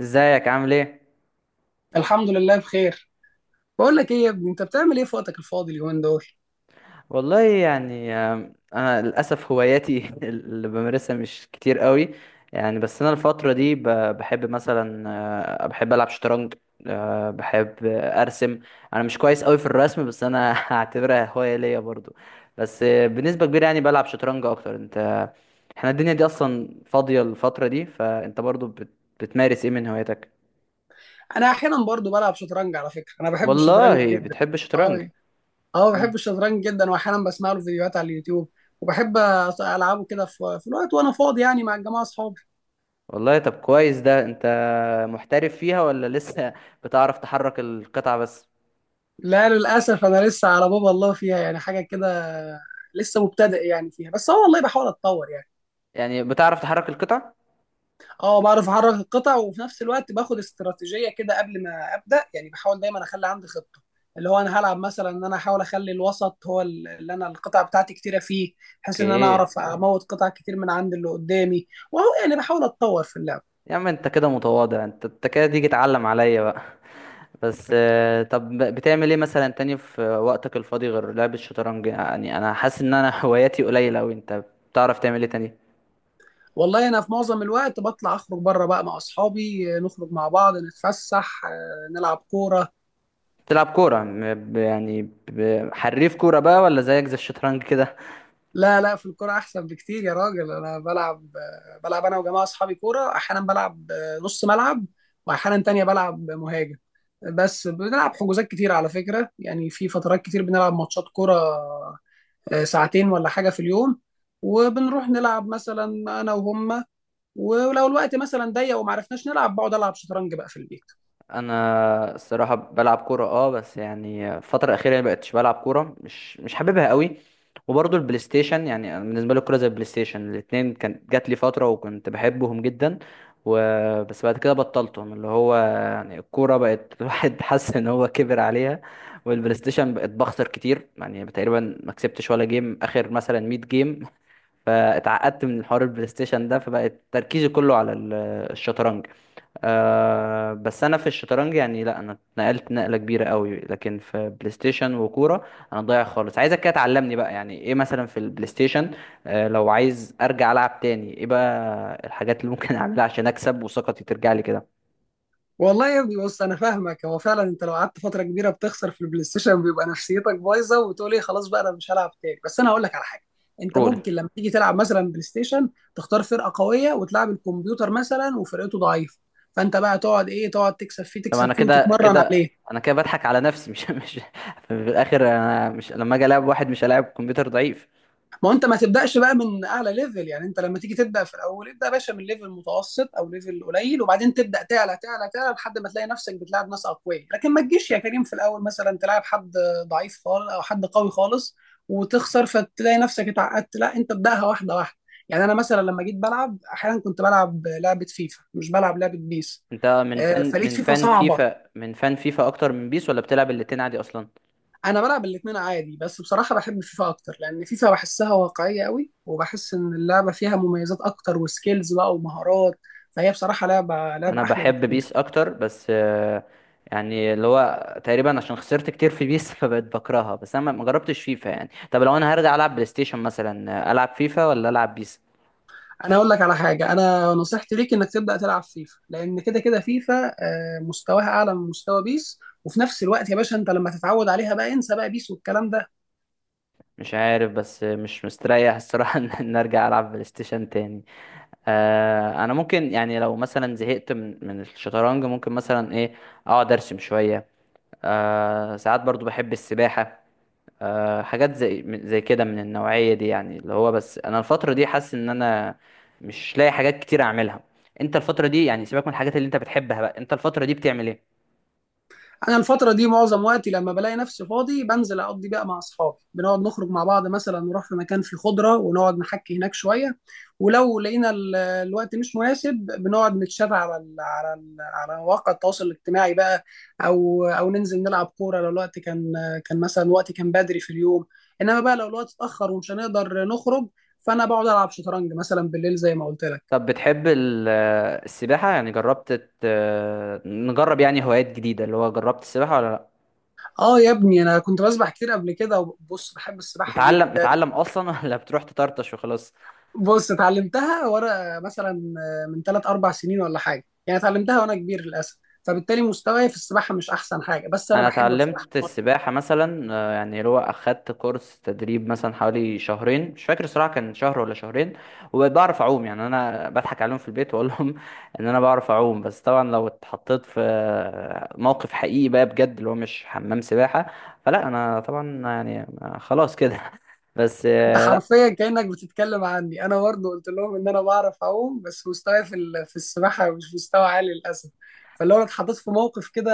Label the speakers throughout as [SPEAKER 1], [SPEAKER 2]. [SPEAKER 1] ازيك عامل ايه؟
[SPEAKER 2] الحمد لله بخير. بقول لك ايه يا ابني، انت بتعمل ايه في وقتك الفاضي اليومين دول؟
[SPEAKER 1] والله يعني انا للاسف هواياتي اللي بمارسها مش كتير قوي. يعني بس انا الفتره دي بحب مثلا، بحب العب شطرنج. آه، بحب آه، ارسم. انا مش كويس قوي في الرسم بس انا هعتبرها هوايه ليا برضو. بس بنسبه كبيره يعني بلعب شطرنج اكتر. انت احنا الدنيا دي اصلا فاضيه الفتره دي، فانت برضو بتمارس ايه من هواياتك؟
[SPEAKER 2] انا احيانا برضو بلعب شطرنج على فكره، انا بحب الشطرنج
[SPEAKER 1] والله
[SPEAKER 2] جدا.
[SPEAKER 1] بتحب الشطرنج؟
[SPEAKER 2] اه. اه، بحب الشطرنج جدا واحيانا بسمع له فيديوهات على اليوتيوب وبحب العبه كده في الوقت وانا فاضي يعني مع الجماعه اصحابي.
[SPEAKER 1] والله طب كويس ده. انت محترف فيها ولا لسه بتعرف تحرك القطع بس؟
[SPEAKER 2] لا للاسف، انا لسه على باب الله فيها يعني حاجه كده، لسه مبتدئ يعني فيها، بس اه والله بحاول اتطور يعني.
[SPEAKER 1] يعني بتعرف تحرك القطع؟
[SPEAKER 2] اه بعرف احرك القطع، وفي نفس الوقت باخد استراتيجيه كده قبل ما ابدا، يعني بحاول دايما اخلي عندي خطه اللي هو انا هلعب مثلا ان انا احاول اخلي الوسط هو اللي انا القطع بتاعتي كتيره فيه، بحيث ان انا
[SPEAKER 1] اوكي.
[SPEAKER 2] اعرف اموت قطع كتير من عند اللي قدامي. وهو يعني بحاول اتطور في اللعب.
[SPEAKER 1] يا عم انت كده متواضع، انت كده تيجي تعلم عليا بقى بس طب بتعمل ايه مثلا تاني في وقتك الفاضي غير لعب الشطرنج؟ يعني انا حاسس ان انا هواياتي قليلة اوي. انت بتعرف تعمل ايه تاني؟
[SPEAKER 2] والله انا في معظم الوقت بطلع اخرج بره بقى مع اصحابي، نخرج مع بعض نتفسح، نلعب كوره.
[SPEAKER 1] بتلعب كورة يعني حريف كورة بقى ولا زيك زي الشطرنج كده؟
[SPEAKER 2] لا لا، في الكوره احسن بكتير يا راجل، انا بلعب انا وجماعه اصحابي كوره، احيانا بلعب نص ملعب، واحيانا تانية بلعب مهاجم. بس بنلعب حجوزات كتير على فكره، يعني في فترات كتير بنلعب ماتشات كوره، ساعتين ولا حاجه في اليوم. وبنروح نلعب مثلا انا وهم، ولو الوقت مثلا ضيق وما عرفناش نلعب بقعد العب شطرنج بقى في البيت.
[SPEAKER 1] انا الصراحه بلعب كوره، اه، بس يعني الفتره الاخيره يعني بقتش بلعب كوره، مش حاببها قوي. وبرضه البلاي ستيشن، يعني أنا بالنسبه لي الكوره زي البلاي ستيشن، الاثنين كانت جات لي فتره وكنت بحبهم جدا. و... بس بعد كده بطلتهم، اللي هو يعني الكوره بقت الواحد حاسس ان هو كبر عليها، والبلاي ستيشن بقت بخسر كتير، يعني تقريبا ما كسبتش ولا جيم اخر، مثلا 100 جيم، فاتعقدت من حوار البلاي ستيشن ده فبقت تركيزي كله على الشطرنج. أه بس انا في الشطرنج يعني لا، انا اتنقلت نقله كبيره قوي، لكن في بلاي ستيشن وكوره انا ضايع خالص. عايزك كده تعلمني بقى، يعني ايه مثلا في البلاي ستيشن أه لو عايز ارجع العب تاني، ايه بقى الحاجات اللي ممكن اعملها عشان اكسب وثقتي ترجع لي كده؟
[SPEAKER 2] والله يا ابني بص، انا فاهمك، هو فعلا انت لو قعدت فتره كبيره بتخسر في البلاي ستيشن بيبقى نفسيتك بايظه، وبتقول ايه خلاص بقى انا مش هلعب تاني، بس انا هقول لك على حاجه. انت
[SPEAKER 1] رول.
[SPEAKER 2] ممكن لما تيجي تلعب مثلا بلاي ستيشن تختار فرقه قويه وتلعب الكمبيوتر مثلا وفرقته ضعيفه، فانت بقى تقعد ايه، تقعد تكسب فيه
[SPEAKER 1] طب
[SPEAKER 2] تكسب
[SPEAKER 1] انا
[SPEAKER 2] فيه
[SPEAKER 1] كده
[SPEAKER 2] وتتمرن
[SPEAKER 1] كده
[SPEAKER 2] عليه.
[SPEAKER 1] انا كده بضحك على نفسي، مش مش في الاخر. انا مش لما اجي العب واحد مش هلاعب كمبيوتر ضعيف.
[SPEAKER 2] ما هو انت ما تبداش بقى من اعلى ليفل، يعني انت لما تيجي تبدا في الاول ابدا يا باشا من ليفل متوسط او ليفل قليل، وبعدين تبدا تعلى تعلى تعلى لحد ما تلاقي نفسك بتلعب ناس اقوياء. لكن ما تجيش يا كريم في الاول مثلا تلعب حد ضعيف خالص او حد قوي خالص وتخسر، فتلاقي نفسك اتعقدت، لا انت ابداها واحده واحده. يعني انا مثلا لما جيت بلعب، احيانا كنت بلعب لعبه فيفا مش بلعب لعبه بيس،
[SPEAKER 1] انت من فن
[SPEAKER 2] فلقيت
[SPEAKER 1] من
[SPEAKER 2] فيفا
[SPEAKER 1] فن
[SPEAKER 2] صعبه.
[SPEAKER 1] فيفا من فن فيفا اكتر من بيس، ولا بتلعب الاتنين عادي اصلا؟
[SPEAKER 2] انا بلعب الاثنين عادي، بس بصراحه بحب فيفا اكتر، لان فيفا بحسها واقعيه قوي، وبحس ان اللعبه فيها مميزات اكتر وسكيلز بقى ومهارات، فهي بصراحه لعبه
[SPEAKER 1] انا
[SPEAKER 2] احلى
[SPEAKER 1] بحب
[SPEAKER 2] بكتير.
[SPEAKER 1] بيس اكتر بس يعني اللي هو تقريبا عشان خسرت كتير في بيس فبقيت بكرهها، بس انا ما جربتش فيفا يعني. طب لو انا هرجع العب بلاي ستيشن مثلا، العب فيفا ولا العب بيس؟
[SPEAKER 2] انا اقول لك على حاجه، انا نصيحتي ليك انك تبدا تلعب فيفا، لان كده كده فيفا مستواها اعلى من مستوى بيس، وفي نفس الوقت يا باشا انت لما تتعود عليها بقى انسى بقى بيس والكلام ده.
[SPEAKER 1] مش عارف، بس مش مستريح الصراحة إن ارجع العب بلاي ستيشن تاني. انا ممكن يعني لو مثلا زهقت من الشطرنج ممكن مثلا ايه، اقعد ارسم شوية. ساعات برضو بحب السباحة. حاجات زي كده من النوعية دي، يعني اللي هو بس انا الفترة دي حاسس ان انا مش لاقي حاجات كتير اعملها. انت الفترة دي، يعني سيبك من الحاجات اللي انت بتحبها بقى، انت الفترة دي بتعمل ايه؟
[SPEAKER 2] انا الفتره دي معظم وقتي لما بلاقي نفسي فاضي بنزل اقضي بقى مع اصحابي، بنقعد نخرج مع بعض، مثلا نروح في مكان فيه خضره ونقعد نحكي هناك شويه. ولو لقينا الوقت مش مناسب بنقعد نتشات على مواقع التواصل الاجتماعي بقى، او او ننزل نلعب كوره لو الوقت كان مثلا وقت كان بدري في اليوم. انما بقى لو الوقت اتاخر ومش هنقدر نخرج، فانا بقعد العب شطرنج مثلا بالليل زي ما قلت لك.
[SPEAKER 1] طب بتحب السباحة؟ يعني جربت نجرب يعني هوايات جديدة، اللي هو جربت السباحة ولا لا؟
[SPEAKER 2] اه يا ابني، انا كنت بسبح كتير قبل كده، وبص بحب السباحه
[SPEAKER 1] متعلم
[SPEAKER 2] جدا.
[SPEAKER 1] متعلم اصلا ولا بتروح تطرطش وخلاص؟
[SPEAKER 2] بص، اتعلمتها وانا مثلا من ثلاث اربع سنين ولا حاجه يعني، اتعلمتها وانا كبير للاسف، فبالتالي مستواي في السباحه مش احسن حاجه، بس انا
[SPEAKER 1] انا
[SPEAKER 2] بحب بصراحه.
[SPEAKER 1] اتعلمت السباحه مثلا، يعني اللي هو اخدت كورس تدريب مثلا حوالي شهرين، مش فاكر الصراحه كان شهر ولا شهرين، وبعرف اعوم يعني. انا بضحك عليهم في البيت واقول لهم ان انا بعرف اعوم، بس طبعا لو اتحطيت في موقف حقيقي بقى بجد اللي هو مش حمام سباحه، فلا انا طبعا يعني خلاص كده بس
[SPEAKER 2] انت حرفيا كانك بتتكلم عني، انا برضه قلت لهم ان انا بعرف اعوم، بس مستواي في السباحه مش مستوى عالي للاسف، فلو انا اتحطيت في موقف كده،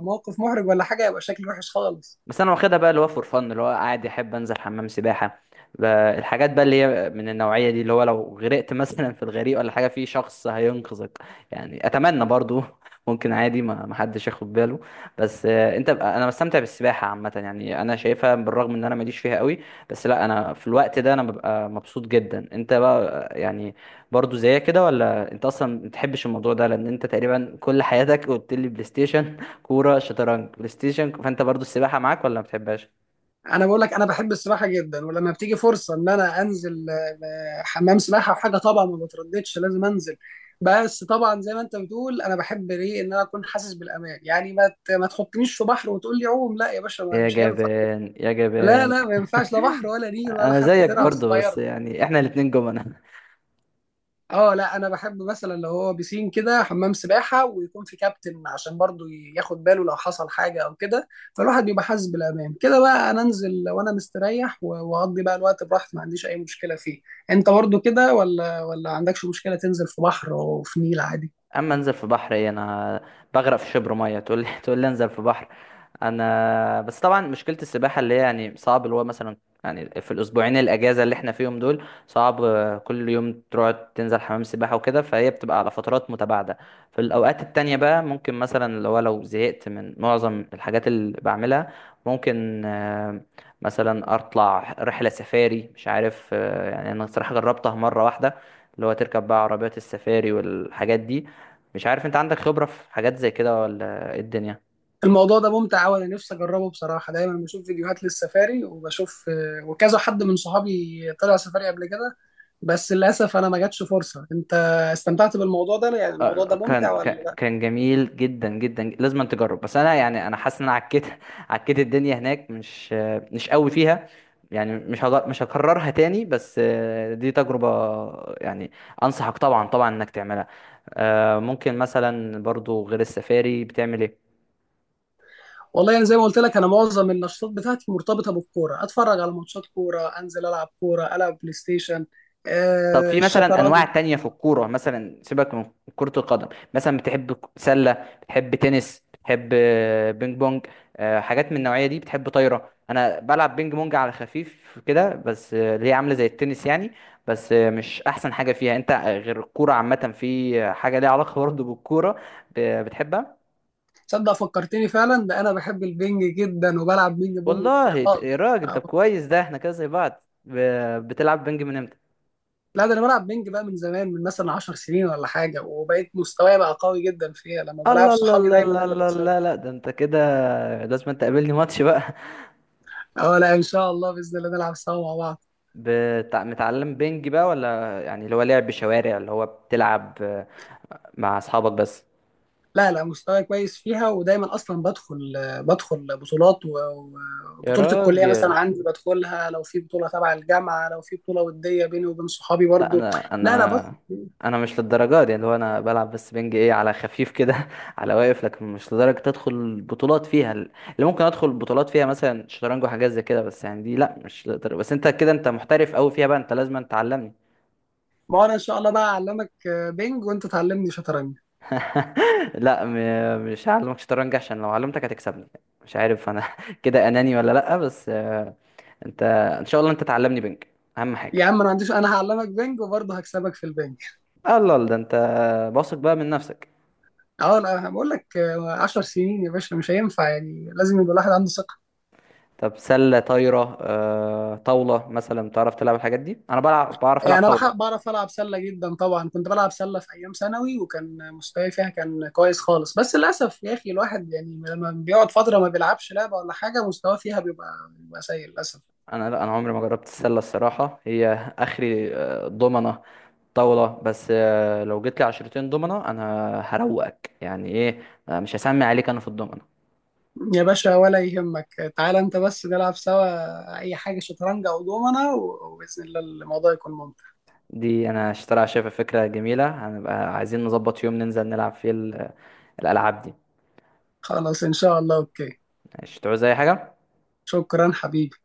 [SPEAKER 2] موقف محرج ولا حاجه، يبقى شكلي وحش خالص.
[SPEAKER 1] بس انا واخدها بقى اللي هو فور فن، اللي هو قاعد يحب انزل حمام سباحه، ب- الحاجات بقى اللي هي من النوعيه دي، اللي هو لو غرقت مثلا في الغريق ولا حاجه في شخص هينقذك. يعني اتمنى برضو ممكن عادي ما حدش ياخد باله. بس انت بقى، انا بستمتع بالسباحه عامه يعني، انا شايفها بالرغم ان انا ماليش فيها قوي، بس لا انا في الوقت ده انا ببقى مبسوط جدا. انت بقى يعني برضو زيك كده ولا انت اصلا ما بتحبش الموضوع ده، لان انت تقريبا كل حياتك قلت لي بلاي ستيشن، كورة، شطرنج، بلاي ستيشن، فانت برضو السباحة معاك ولا ما بتحبهاش؟
[SPEAKER 2] انا بقول لك، انا بحب السباحه جدا، ولما بتيجي فرصه ان انا انزل حمام سباحه وحاجه طبعا ما بترددش، لازم انزل. بس طبعا زي ما انت بتقول، انا بحب ليه ان انا اكون حاسس بالامان، يعني ما تحطنيش في بحر وتقول لي عوم، لا يا باشا،
[SPEAKER 1] يا
[SPEAKER 2] مش هينفع.
[SPEAKER 1] جبان يا
[SPEAKER 2] لا
[SPEAKER 1] جبان.
[SPEAKER 2] لا، ما ينفعش، لا بحر ولا نيل ولا
[SPEAKER 1] انا
[SPEAKER 2] حتى
[SPEAKER 1] زيك
[SPEAKER 2] ترعه
[SPEAKER 1] برضو، بس
[SPEAKER 2] صغيره.
[SPEAKER 1] يعني احنا الاتنين جمل.
[SPEAKER 2] اه لا، انا بحب مثلا لو هو بيسين كده، حمام سباحه ويكون في كابتن عشان برضو ياخد باله لو حصل حاجه او كده، فالواحد بيبقى حاسس بالامان كده، بقى انا انزل وانا مستريح واقضي بقى الوقت براحتي، ما عنديش اي مشكله فيه. انت برضو كده، ولا عندكش مشكله تنزل في بحر وفي نيل عادي؟
[SPEAKER 1] اما انزل في بحر؟ ايه؟ انا بغرق في شبر ميه تقول لي تقول لي انزل في بحر! انا بس طبعا مشكله السباحه اللي هي يعني صعب، اللي هو مثلا يعني في الاسبوعين الاجازه اللي احنا فيهم دول صعب كل يوم تروح تنزل حمام سباحه وكده، فهي بتبقى على فترات متباعده. في الاوقات التانية بقى ممكن مثلا لو زهقت من معظم الحاجات اللي بعملها، ممكن مثلا اطلع رحله سفاري، مش عارف. يعني انا صراحه جربتها مره واحده، اللي هو تركب بقى عربيات السفاري والحاجات دي. مش عارف انت عندك خبرة في حاجات زي كده ولا ايه الدنيا؟
[SPEAKER 2] الموضوع ده ممتع قوي، انا نفسي اجربه بصراحه، دايما بشوف فيديوهات للسفاري وبشوف، وكذا حد من صحابي طلع سفاري قبل كده، بس للاسف انا ما جاتش فرصه. انت استمتعت بالموضوع ده؟ يعني الموضوع ده ممتع
[SPEAKER 1] كان كان
[SPEAKER 2] ولا؟
[SPEAKER 1] كان جميل جدا جدا، لازم أن تجرب. بس انا يعني انا حاسس ان انا عكيت عكيت الدنيا هناك، مش قوي فيها يعني، مش هكررها تاني، بس دي تجربة يعني انصحك طبعا طبعا انك تعملها. ممكن مثلا برضو غير السفاري بتعمل ايه؟
[SPEAKER 2] والله يعني زي ما قلت لك، انا معظم النشاطات بتاعتي مرتبطه بالكوره، اتفرج على ماتشات كوره، انزل العب كوره، العب بلاي ستيشن،
[SPEAKER 1] طب في مثلا انواع
[SPEAKER 2] الشطرنج.
[SPEAKER 1] تانية في الكوره، مثلا سيبك من كرة القدم، مثلا بتحب سلة؟ بتحب تنس؟ بتحب بينج بونج؟ حاجات من النوعية دي؟ بتحب طايرة؟ انا بلعب بينج بونج على خفيف كده، بس اللي هي عاملة زي التنس يعني، بس مش احسن حاجة فيها. انت غير الكورة عامة، في حاجة ليها علاقة برضه بالكورة ب- بتحبها؟
[SPEAKER 2] تصدق، فكرتني فعلا، ده انا بحب البنج جدا وبلعب بينج بونج كتير
[SPEAKER 1] والله يا
[SPEAKER 2] خالص
[SPEAKER 1] راجل
[SPEAKER 2] آه.
[SPEAKER 1] طب كويس ده، احنا كده زي بعض. بتلعب بينج من امتى؟
[SPEAKER 2] لا، ده انا بلعب بينج بقى من زمان، من مثلا 10 سنين ولا حاجه، وبقيت مستواي بقى قوي جدا فيها، لما بلعب
[SPEAKER 1] الله الله
[SPEAKER 2] صحابي
[SPEAKER 1] الله
[SPEAKER 2] دايما انا
[SPEAKER 1] الله
[SPEAKER 2] اللي
[SPEAKER 1] الله
[SPEAKER 2] بكسبهم.
[SPEAKER 1] الله، لا ده انت كده لازم انت تقابلني ماتش بقى.
[SPEAKER 2] اه لا ان شاء الله، باذن الله نلعب سوا مع بعض.
[SPEAKER 1] متعلم بينج بقى ولا يعني اللي هو لعب شوارع اللي هو بتلعب مع اصحابك بس؟
[SPEAKER 2] لا لا، مستواي كويس فيها ودايما اصلا بدخل بطولات
[SPEAKER 1] يا
[SPEAKER 2] وبطوله الكليه مثلا
[SPEAKER 1] راجل.
[SPEAKER 2] عندي بدخلها، لو في بطوله تبع الجامعه، لو في بطوله وديه بيني وبين صحابي
[SPEAKER 1] لا
[SPEAKER 2] برضو.
[SPEAKER 1] انا
[SPEAKER 2] لا لا
[SPEAKER 1] انا
[SPEAKER 2] بدخل.
[SPEAKER 1] انا مش للدرجه دي، اللي هو انا بلعب بس بينج، ايه، على خفيف كده على واقف، لكن مش لدرجه تدخل بطولات فيها. اللي ممكن ادخل بطولات فيها مثلا شطرنج وحاجات زي كده، بس يعني دي لا مش لدرجة. بس انت كده انت محترف قوي فيها بقى، انت لازم تعلمني.
[SPEAKER 2] ما هو انا ان شاء الله بقى اعلمك بينج وانت تعلمني شطرنج.
[SPEAKER 1] لا مش هعلمك شطرنج عشان لو علمتك هتكسبني. مش عارف انا كده اناني ولا لا. بس انت ان شاء الله انت تعلمني بنك، اهم
[SPEAKER 2] يا
[SPEAKER 1] حاجه.
[SPEAKER 2] عم انا ما عنديش، انا هعلمك بينج وبرضه هكسبك في البينج.
[SPEAKER 1] الله، ده انت واثق بقى من نفسك.
[SPEAKER 2] اه لا، بقول لك، 10 سنين يا باشا مش هينفع، يعني لازم يبقى الواحد عنده.
[SPEAKER 1] طب سله، طايره، طاوله، مثلا بتعرف تلعب الحاجات دي؟ انا بلعب، بعرف
[SPEAKER 2] إيه،
[SPEAKER 1] العب
[SPEAKER 2] انا
[SPEAKER 1] طاوله.
[SPEAKER 2] بحب بعرف العب سله جدا، طبعا كنت بلعب سله في ايام ثانوي وكان مستواي فيها كان كويس خالص، بس للاسف يا اخي، الواحد يعني لما بيقعد فتره ما بيلعبش لعبه ولا حاجه مستواه فيها بيبقى سيء للاسف.
[SPEAKER 1] انا لا انا عمري ما جربت السله الصراحه، هي اخري ضمنه، طاوله. بس لو جيت لي عشرتين ضمنه انا هروقك، يعني ايه، مش هسمي عليك انا في الضمنه.
[SPEAKER 2] يا باشا ولا يهمك، تعالى انت بس نلعب سوا اي حاجه، شطرنج او دومنه، وباذن الله الموضوع يكون ممتع.
[SPEAKER 1] دي انا اشتريها، شايفها فكره جميله، هنبقى عايزين نظبط يوم ننزل نلعب فيه الالعاب دي.
[SPEAKER 2] خلاص ان شاء الله، اوكي.
[SPEAKER 1] مش تعوز اي حاجه.
[SPEAKER 2] شكرا حبيبي.